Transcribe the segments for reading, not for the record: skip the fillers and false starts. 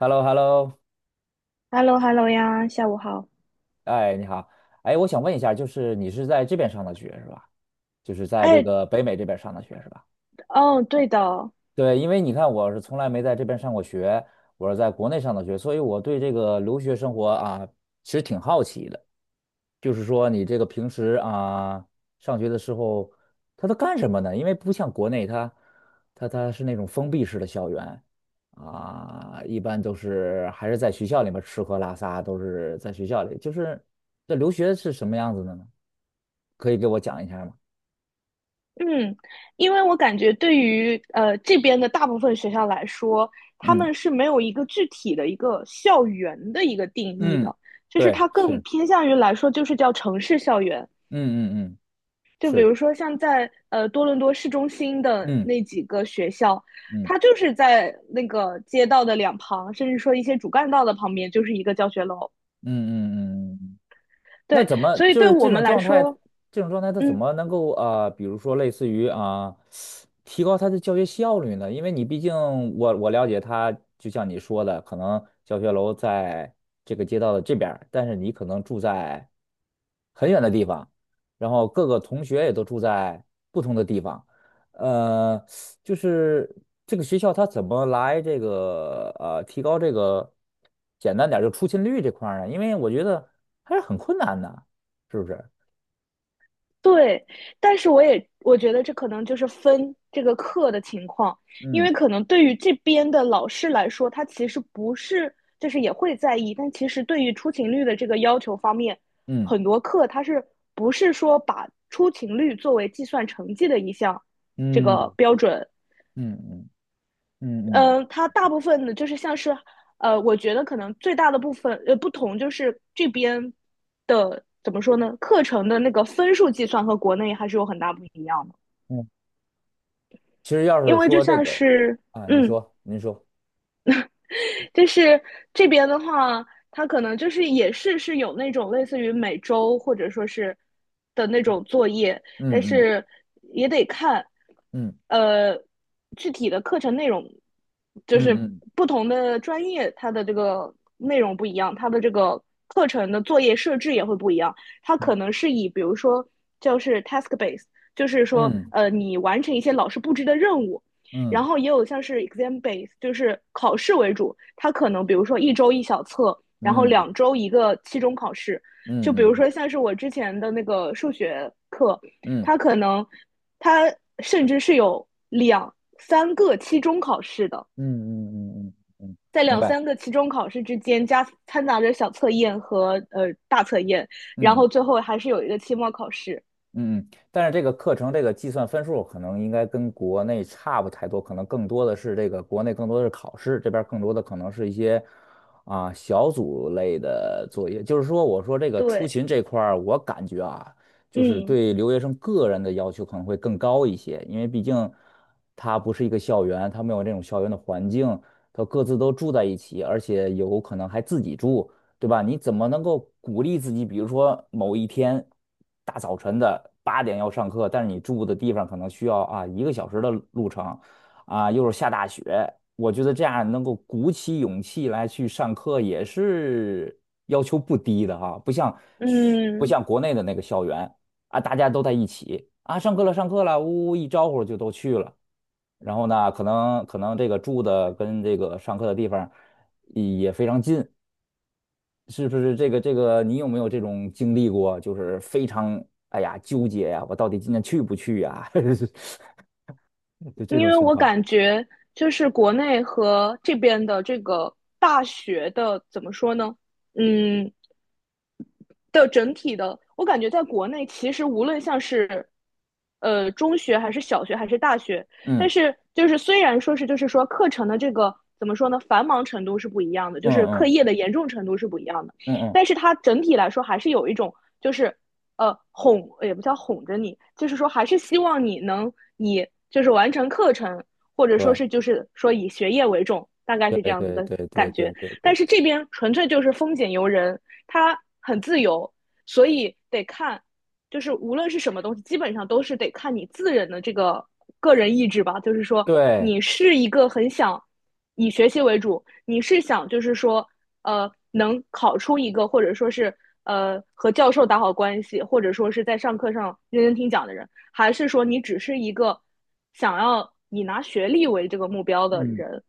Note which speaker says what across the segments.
Speaker 1: h e l l o h e l l o
Speaker 2: h e l l o h e l l o 呀，下午好。
Speaker 1: 哎，你好，哎，我想问一下，就是你是在这边上的学是吧？就是在这
Speaker 2: 哎，
Speaker 1: 个北美这边上的学是吧？
Speaker 2: 哦，对的。
Speaker 1: 对，因为你看我是从来没在这边上过学，我是在国内上的学，所以我对这个留学生活啊，其实挺好奇的。就是说你这个平时啊，上学的时候，他都干什么呢？因为不像国内他是那种封闭式的校园啊，一般都是还是在学校里面吃喝拉撒，都是在学校里。就是这留学是什么样子的呢？可以给我讲一下吗？
Speaker 2: 嗯，因为我感觉对于这边的大部分学校来说，他
Speaker 1: 嗯
Speaker 2: 们是没有一个具体的一个校园的一个定义
Speaker 1: 嗯，
Speaker 2: 的，就是
Speaker 1: 对，
Speaker 2: 它更
Speaker 1: 是，
Speaker 2: 偏向于来说就是叫城市校园。
Speaker 1: 嗯嗯嗯，
Speaker 2: 就比如
Speaker 1: 是，
Speaker 2: 说像在多伦多市中心的
Speaker 1: 嗯
Speaker 2: 那几个学校，
Speaker 1: 嗯
Speaker 2: 它就是在那个街道的两旁，甚至说一些主干道的旁边，就是一个教学楼。
Speaker 1: 嗯嗯嗯嗯嗯。那
Speaker 2: 对，
Speaker 1: 怎么
Speaker 2: 所以
Speaker 1: 就
Speaker 2: 对
Speaker 1: 是
Speaker 2: 我
Speaker 1: 这
Speaker 2: 们
Speaker 1: 种
Speaker 2: 来
Speaker 1: 状态？
Speaker 2: 说。
Speaker 1: 这种状态他怎
Speaker 2: 嗯。
Speaker 1: 么能够啊、比如说类似于啊、提高他的教学效率呢？因为你毕竟我了解他，就像你说的，可能教学楼在这个街道的这边儿，但是你可能住在很远的地方，然后各个同学也都住在不同的地方。呃。就是这个学校它怎么来这个提高这个简单点儿就出勤率这块儿呢？因为我觉得还是很困难的，是不是？
Speaker 2: 对，但是我觉得这可能就是分这个课的情况，因
Speaker 1: 嗯
Speaker 2: 为可能对于这边的老师来说，他其实不是就是也会在意，但其实对于出勤率的这个要求方面，
Speaker 1: 嗯
Speaker 2: 很多课他是不是说把出勤率作为计算成绩的一项这
Speaker 1: 嗯
Speaker 2: 个标准。
Speaker 1: 嗯嗯嗯嗯
Speaker 2: 它大部分的就是像是，我觉得可能最大的部分不同就是这边的怎么说呢，课程的那个分数计算和国内还是有很大不一样的，
Speaker 1: 嗯。其实要
Speaker 2: 因
Speaker 1: 是
Speaker 2: 为就
Speaker 1: 说这
Speaker 2: 像
Speaker 1: 个
Speaker 2: 是
Speaker 1: 啊，您
Speaker 2: 嗯，
Speaker 1: 说您说，
Speaker 2: 就是这边的话，它可能就是也是有那种类似于每周或者说是的那种作业，但
Speaker 1: 嗯嗯
Speaker 2: 是也得看，
Speaker 1: 嗯
Speaker 2: 呃，具体的课程内容，就是
Speaker 1: 嗯
Speaker 2: 不同的专业它的这个内容不一样，它的这个课程的作业设置也会不一样。它可能
Speaker 1: 嗯
Speaker 2: 是以比如说就是 task base,就是说
Speaker 1: 嗯
Speaker 2: 你完成一些老师布置的任务，然
Speaker 1: 嗯
Speaker 2: 后也有像是 exam base,就是考试为主，它可能比如说一周一小测，然后
Speaker 1: 嗯嗯
Speaker 2: 两周一个期中考试。就
Speaker 1: 嗯
Speaker 2: 比如
Speaker 1: 嗯
Speaker 2: 说像是我之前的那个数学课，
Speaker 1: 嗯
Speaker 2: 它可能它甚至是有两三个期中考试的，
Speaker 1: 嗯嗯嗯嗯，
Speaker 2: 在
Speaker 1: 明
Speaker 2: 两
Speaker 1: 白。
Speaker 2: 三个期中考试之间加掺杂着小测验和大测验，然
Speaker 1: 嗯
Speaker 2: 后
Speaker 1: 嗯。
Speaker 2: 最后还是有一个期末考试。
Speaker 1: 嗯嗯，但是这个课程这个计算分数可能应该跟国内差不太多，可能更多的是这个国内更多的是考试，这边儿更多的可能是一些啊、小组类的作业。就是说，我说这个出
Speaker 2: 对，
Speaker 1: 勤这块儿，我感觉啊，就是
Speaker 2: 嗯
Speaker 1: 对留学生个人的要求可能会更高一些，因为毕竟他不是一个校园，他没有这种校园的环境，他各自都住在一起，而且有可能还自己住。对吧？你怎么能够鼓励自己？比如说某一天大早晨的8点要上课，但是你住的地方可能需要啊1个小时的路程，啊又是下大雪，我觉得这样能够鼓起勇气来去上课也是要求不低的哈，不
Speaker 2: 嗯。
Speaker 1: 像国内的那个校园啊，大家都在一起啊，上课了上课了，呜呜一招呼就都去了，然后呢，可能这个住的跟这个上课的地方也非常近。是不是这个？你有没有这种经历过？就是非常哎呀纠结呀、我到底今天去不去呀、就这
Speaker 2: 因
Speaker 1: 种
Speaker 2: 为
Speaker 1: 情
Speaker 2: 我
Speaker 1: 况。
Speaker 2: 感觉就是国内和这边的这个大学的怎么说呢？嗯，的整体的，我感觉在国内其实无论像是，中学还是小学还是大学，但
Speaker 1: 嗯
Speaker 2: 是就是虽然说是就是说课程的这个怎么说呢，繁忙程度是不一样的，就
Speaker 1: 嗯
Speaker 2: 是课
Speaker 1: 嗯
Speaker 2: 业的严重程度是不一样的，
Speaker 1: 嗯嗯，
Speaker 2: 但是它整体来说还是有一种就是哄也不叫哄着你，就是说还是希望你能以就是完成课程，或者说
Speaker 1: 对
Speaker 2: 是就是说以学业为重，大概
Speaker 1: 对
Speaker 2: 是这样子
Speaker 1: 对
Speaker 2: 的
Speaker 1: 对对
Speaker 2: 感
Speaker 1: 对
Speaker 2: 觉。
Speaker 1: 对
Speaker 2: 但
Speaker 1: 对
Speaker 2: 是这边纯粹就是风俭由人，它很自由，所以得看，就是无论是什么东西，基本上都是得看你自人的这个个人意志吧。就是说，
Speaker 1: 对，
Speaker 2: 你是一个很想以学习为主，你是想就是说，能考出一个或者说是和教授打好关系，或者说是在上课上认真听讲的人，还是说你只是一个想要以拿学历为这个目标的
Speaker 1: 嗯
Speaker 2: 人？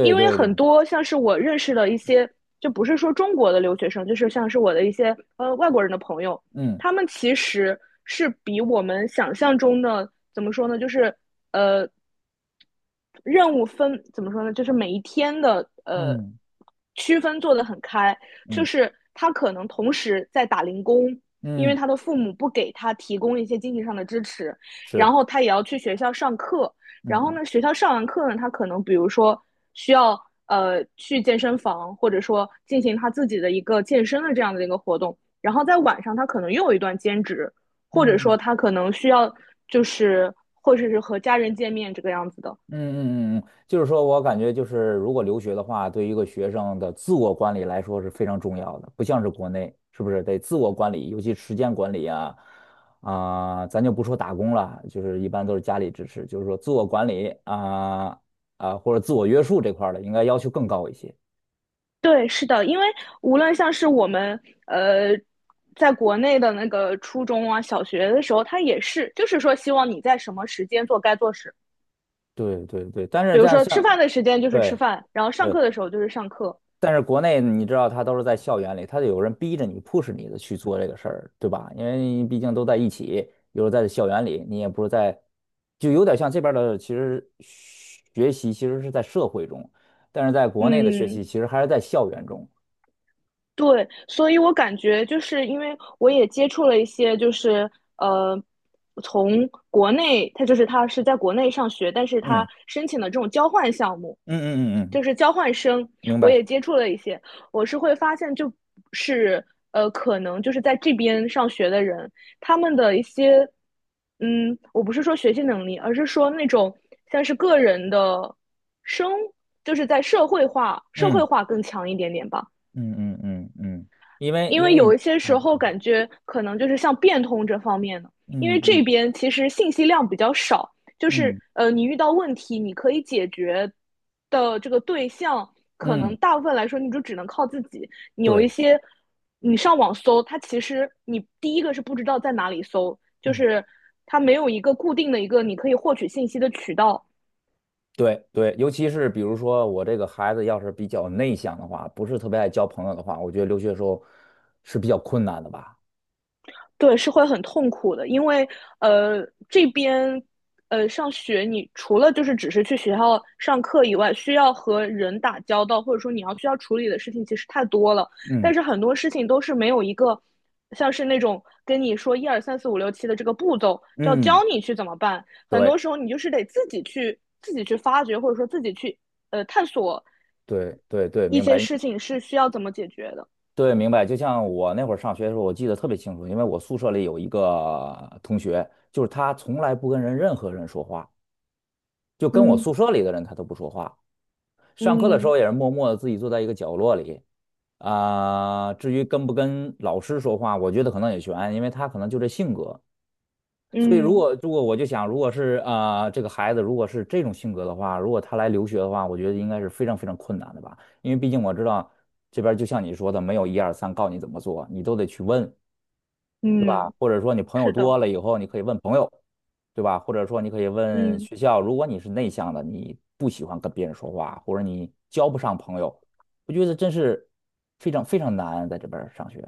Speaker 2: 因为
Speaker 1: 对
Speaker 2: 很
Speaker 1: 对，
Speaker 2: 多像是我认识的一些，就不是说中国的留学生，就是像是我的一些外国人的朋友，
Speaker 1: 嗯
Speaker 2: 他们其实是比我们想象中的怎么说呢，就是呃任务分怎么说呢，就是每一天的
Speaker 1: 嗯
Speaker 2: 区分做得很开，就
Speaker 1: 嗯
Speaker 2: 是他可能同时在打零工。因为
Speaker 1: 嗯，
Speaker 2: 他的父母不给他提供一些经济上的支持，然
Speaker 1: 是，
Speaker 2: 后他也要去学校上课，然后
Speaker 1: 嗯
Speaker 2: 呢，学校上完课呢，他可能比如说需要去健身房，或者说进行他自己的一个健身的这样的一个活动。然后在晚上，他可能又有一段兼职，或者说
Speaker 1: 嗯
Speaker 2: 他可能需要就是或者是和家人见面这个样子的。
Speaker 1: 嗯嗯嗯嗯，就是说我感觉就是，如果留学的话，对于一个学生的自我管理来说是非常重要的，不像是国内，是不是得自我管理，尤其时间管理啊，啊、咱就不说打工了，就是一般都是家里支持，就是说自我管理啊啊、或者自我约束这块儿的，应该要求更高一些。
Speaker 2: 对，是的，因为无论像是我们呃在国内的那个初中啊、小学的时候，他也是就是说希望你在什么时间做该做事，
Speaker 1: 对对对，但是
Speaker 2: 比如
Speaker 1: 在
Speaker 2: 说吃
Speaker 1: 像
Speaker 2: 饭的时间就是吃
Speaker 1: 对。
Speaker 2: 饭，然后上
Speaker 1: 对
Speaker 2: 课的时候就是上课。
Speaker 1: 但是国内你知道，他都是在校园里，它有人逼着你、push 你的去做这个事儿，对吧？因为毕竟都在一起，有时在校园里，你也不是在，就有点像这边的，其实学习其实是在社会中，但是在国内的学习
Speaker 2: 嗯，
Speaker 1: 其实还是在校园中。
Speaker 2: 对，所以我感觉就是因为我也接触了一些，就是呃，从国内，他是在国内上学，但是
Speaker 1: 嗯
Speaker 2: 他申请的这种交换项目，
Speaker 1: 嗯嗯嗯嗯，
Speaker 2: 就是交换生，
Speaker 1: 明
Speaker 2: 我也
Speaker 1: 白。
Speaker 2: 接触了一些，我是会发现就是可能就是在这边上学的人，他们的一些，我不是说学习能力，而是说那种像是个人的生，就是在社会化，社会
Speaker 1: 嗯
Speaker 2: 化更强一点点吧。
Speaker 1: 嗯嗯嗯嗯，因为
Speaker 2: 因
Speaker 1: 因
Speaker 2: 为
Speaker 1: 为你
Speaker 2: 有一些时
Speaker 1: 啊，
Speaker 2: 候感觉可能就是像变通这方面的，因为
Speaker 1: 嗯
Speaker 2: 这
Speaker 1: 嗯
Speaker 2: 边其实信息量比较少，就是
Speaker 1: 嗯
Speaker 2: 你遇到问题你可以解决的这个对象，可
Speaker 1: 嗯，
Speaker 2: 能大部分来说你就只能靠自己。你有一
Speaker 1: 对。
Speaker 2: 些你上网搜，它其实你第一个是不知道在哪里搜，就
Speaker 1: 嗯
Speaker 2: 是它没有一个固定的一个你可以获取信息的渠道。
Speaker 1: 对对，尤其是比如说我这个孩子要是比较内向的话，不是特别爱交朋友的话，我觉得留学时候是比较困难的吧。
Speaker 2: 对，是会很痛苦的，因为这边上学，你除了就是只是去学校上课以外，需要和人打交道，或者说你要需要处理的事情其实太多了。
Speaker 1: 嗯
Speaker 2: 但是很多事情都是没有一个像是那种跟你说一二三四五六七的这个步骤，就要
Speaker 1: 嗯，
Speaker 2: 教你去怎么办。很多时
Speaker 1: 对
Speaker 2: 候你就是得自己去发掘，或者说自己去探索
Speaker 1: 对对对，
Speaker 2: 一
Speaker 1: 明
Speaker 2: 些
Speaker 1: 白
Speaker 2: 事情是需要怎么解决的。
Speaker 1: 对明白。就像我那会儿上学的时候，我记得特别清楚，因为我宿舍里有一个同学，就是他从来不跟任何人说话，就跟我
Speaker 2: 嗯
Speaker 1: 宿舍里的人他都不说话。上课的时
Speaker 2: 嗯
Speaker 1: 候也是默默的自己坐在一个角落里啊、至于跟不跟老师说话，我觉得可能也悬，因为他可能就这性格。所以如
Speaker 2: 嗯
Speaker 1: 果如果我就想，如果是这个孩子如果是这种性格的话，如果他来留学的话，我觉得应该是非常非常困难的吧，因为毕竟我知道这边就像你说的，没有一二三告你怎么做，你都得去问，对吧？
Speaker 2: 嗯，
Speaker 1: 或者说你朋友
Speaker 2: 是的，
Speaker 1: 多了以后，你可以问朋友，对吧？或者说你可以问
Speaker 2: 嗯。
Speaker 1: 学校，如果你是内向的，你不喜欢跟别人说话，或者你交不上朋友，我觉得真是非常非常难在这边上学。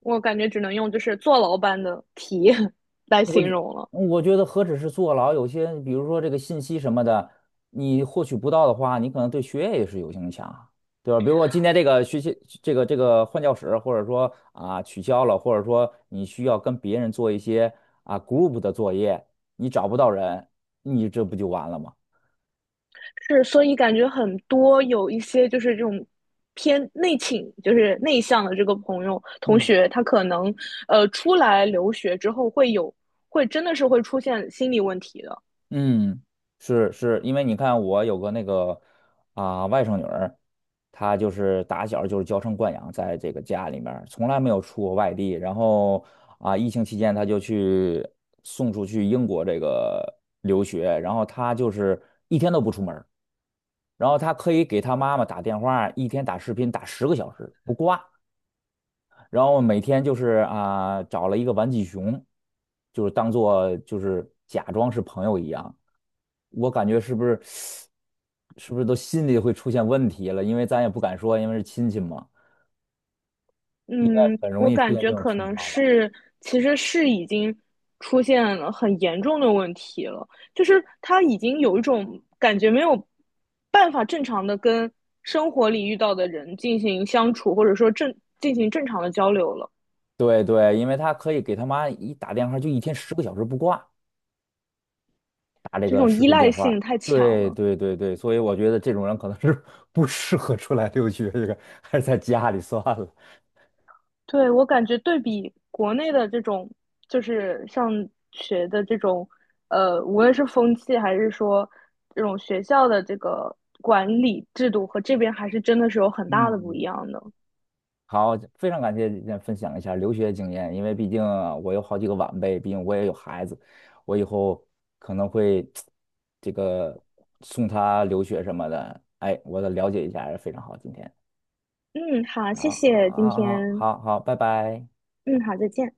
Speaker 2: 我感觉只能用就是坐牢般的体验 来
Speaker 1: 我觉
Speaker 2: 形容了。
Speaker 1: 我觉得何止是坐牢，有些比如说这个信息什么的，你获取不到的话，你可能对学业也是有影响啊，对吧？比如说今天这个学习这个这个换教室，或者说啊取消了，或者说你需要跟别人做一些啊 group 的作业，你找不到人，你这不就完了吗？
Speaker 2: 是，所以感觉很多有一些就是这种偏内倾，就是内向的这个朋友同
Speaker 1: 嗯。
Speaker 2: 学，他可能出来留学之后会有，会真的是会出现心理问题的。
Speaker 1: 嗯，是是，因为你看，我有个那个啊、外甥女儿，她就是打小就是娇生惯养，在这个家里面儿从来没有出过外地。然后啊、疫情期间她就去送出去英国这个留学，然后她就是一天都不出门儿，然后她可以给她妈妈打电话，一天打视频打十个小时不挂。然后每天就是啊，找了一个玩具熊，就是当做就是假装是朋友一样。我感觉是不是 是不是都心里会出现问题了？因为咱也不敢说，因为是亲戚嘛，
Speaker 2: 嗯，
Speaker 1: 很容
Speaker 2: 我
Speaker 1: 易出
Speaker 2: 感
Speaker 1: 现这
Speaker 2: 觉
Speaker 1: 种
Speaker 2: 可
Speaker 1: 情
Speaker 2: 能
Speaker 1: 况吧。
Speaker 2: 是，其实是已经出现了很严重的问题了，就是他已经有一种感觉没有办法正常的跟生活里遇到的人进行相处，或者说正进行正常的交流了，
Speaker 1: 对对，因为他可以给他妈一打电话，就一天十个小时不挂，打这
Speaker 2: 这
Speaker 1: 个
Speaker 2: 种
Speaker 1: 视
Speaker 2: 依
Speaker 1: 频
Speaker 2: 赖
Speaker 1: 电话。
Speaker 2: 性太强
Speaker 1: 对
Speaker 2: 了。
Speaker 1: 对对对，所以我觉得这种人可能是 不适合出来留学，这个还是在家里算了。
Speaker 2: 对，我感觉对比国内的这种，就是上学的这种，无论是风气还是说这种学校的这个管理制度和这边还是真的是有很大的不一
Speaker 1: 嗯。
Speaker 2: 样的。
Speaker 1: 好，非常感谢今天分享一下留学经验，因为毕竟啊我有好几个晚辈，毕竟我也有孩子，我以后可能会这个送他留学什么的，哎，我得了解一下，非常好，今天，
Speaker 2: 嗯，好，谢
Speaker 1: 好，
Speaker 2: 谢今
Speaker 1: 好，好，
Speaker 2: 天。
Speaker 1: 好，好，拜拜。
Speaker 2: 嗯，好，再见。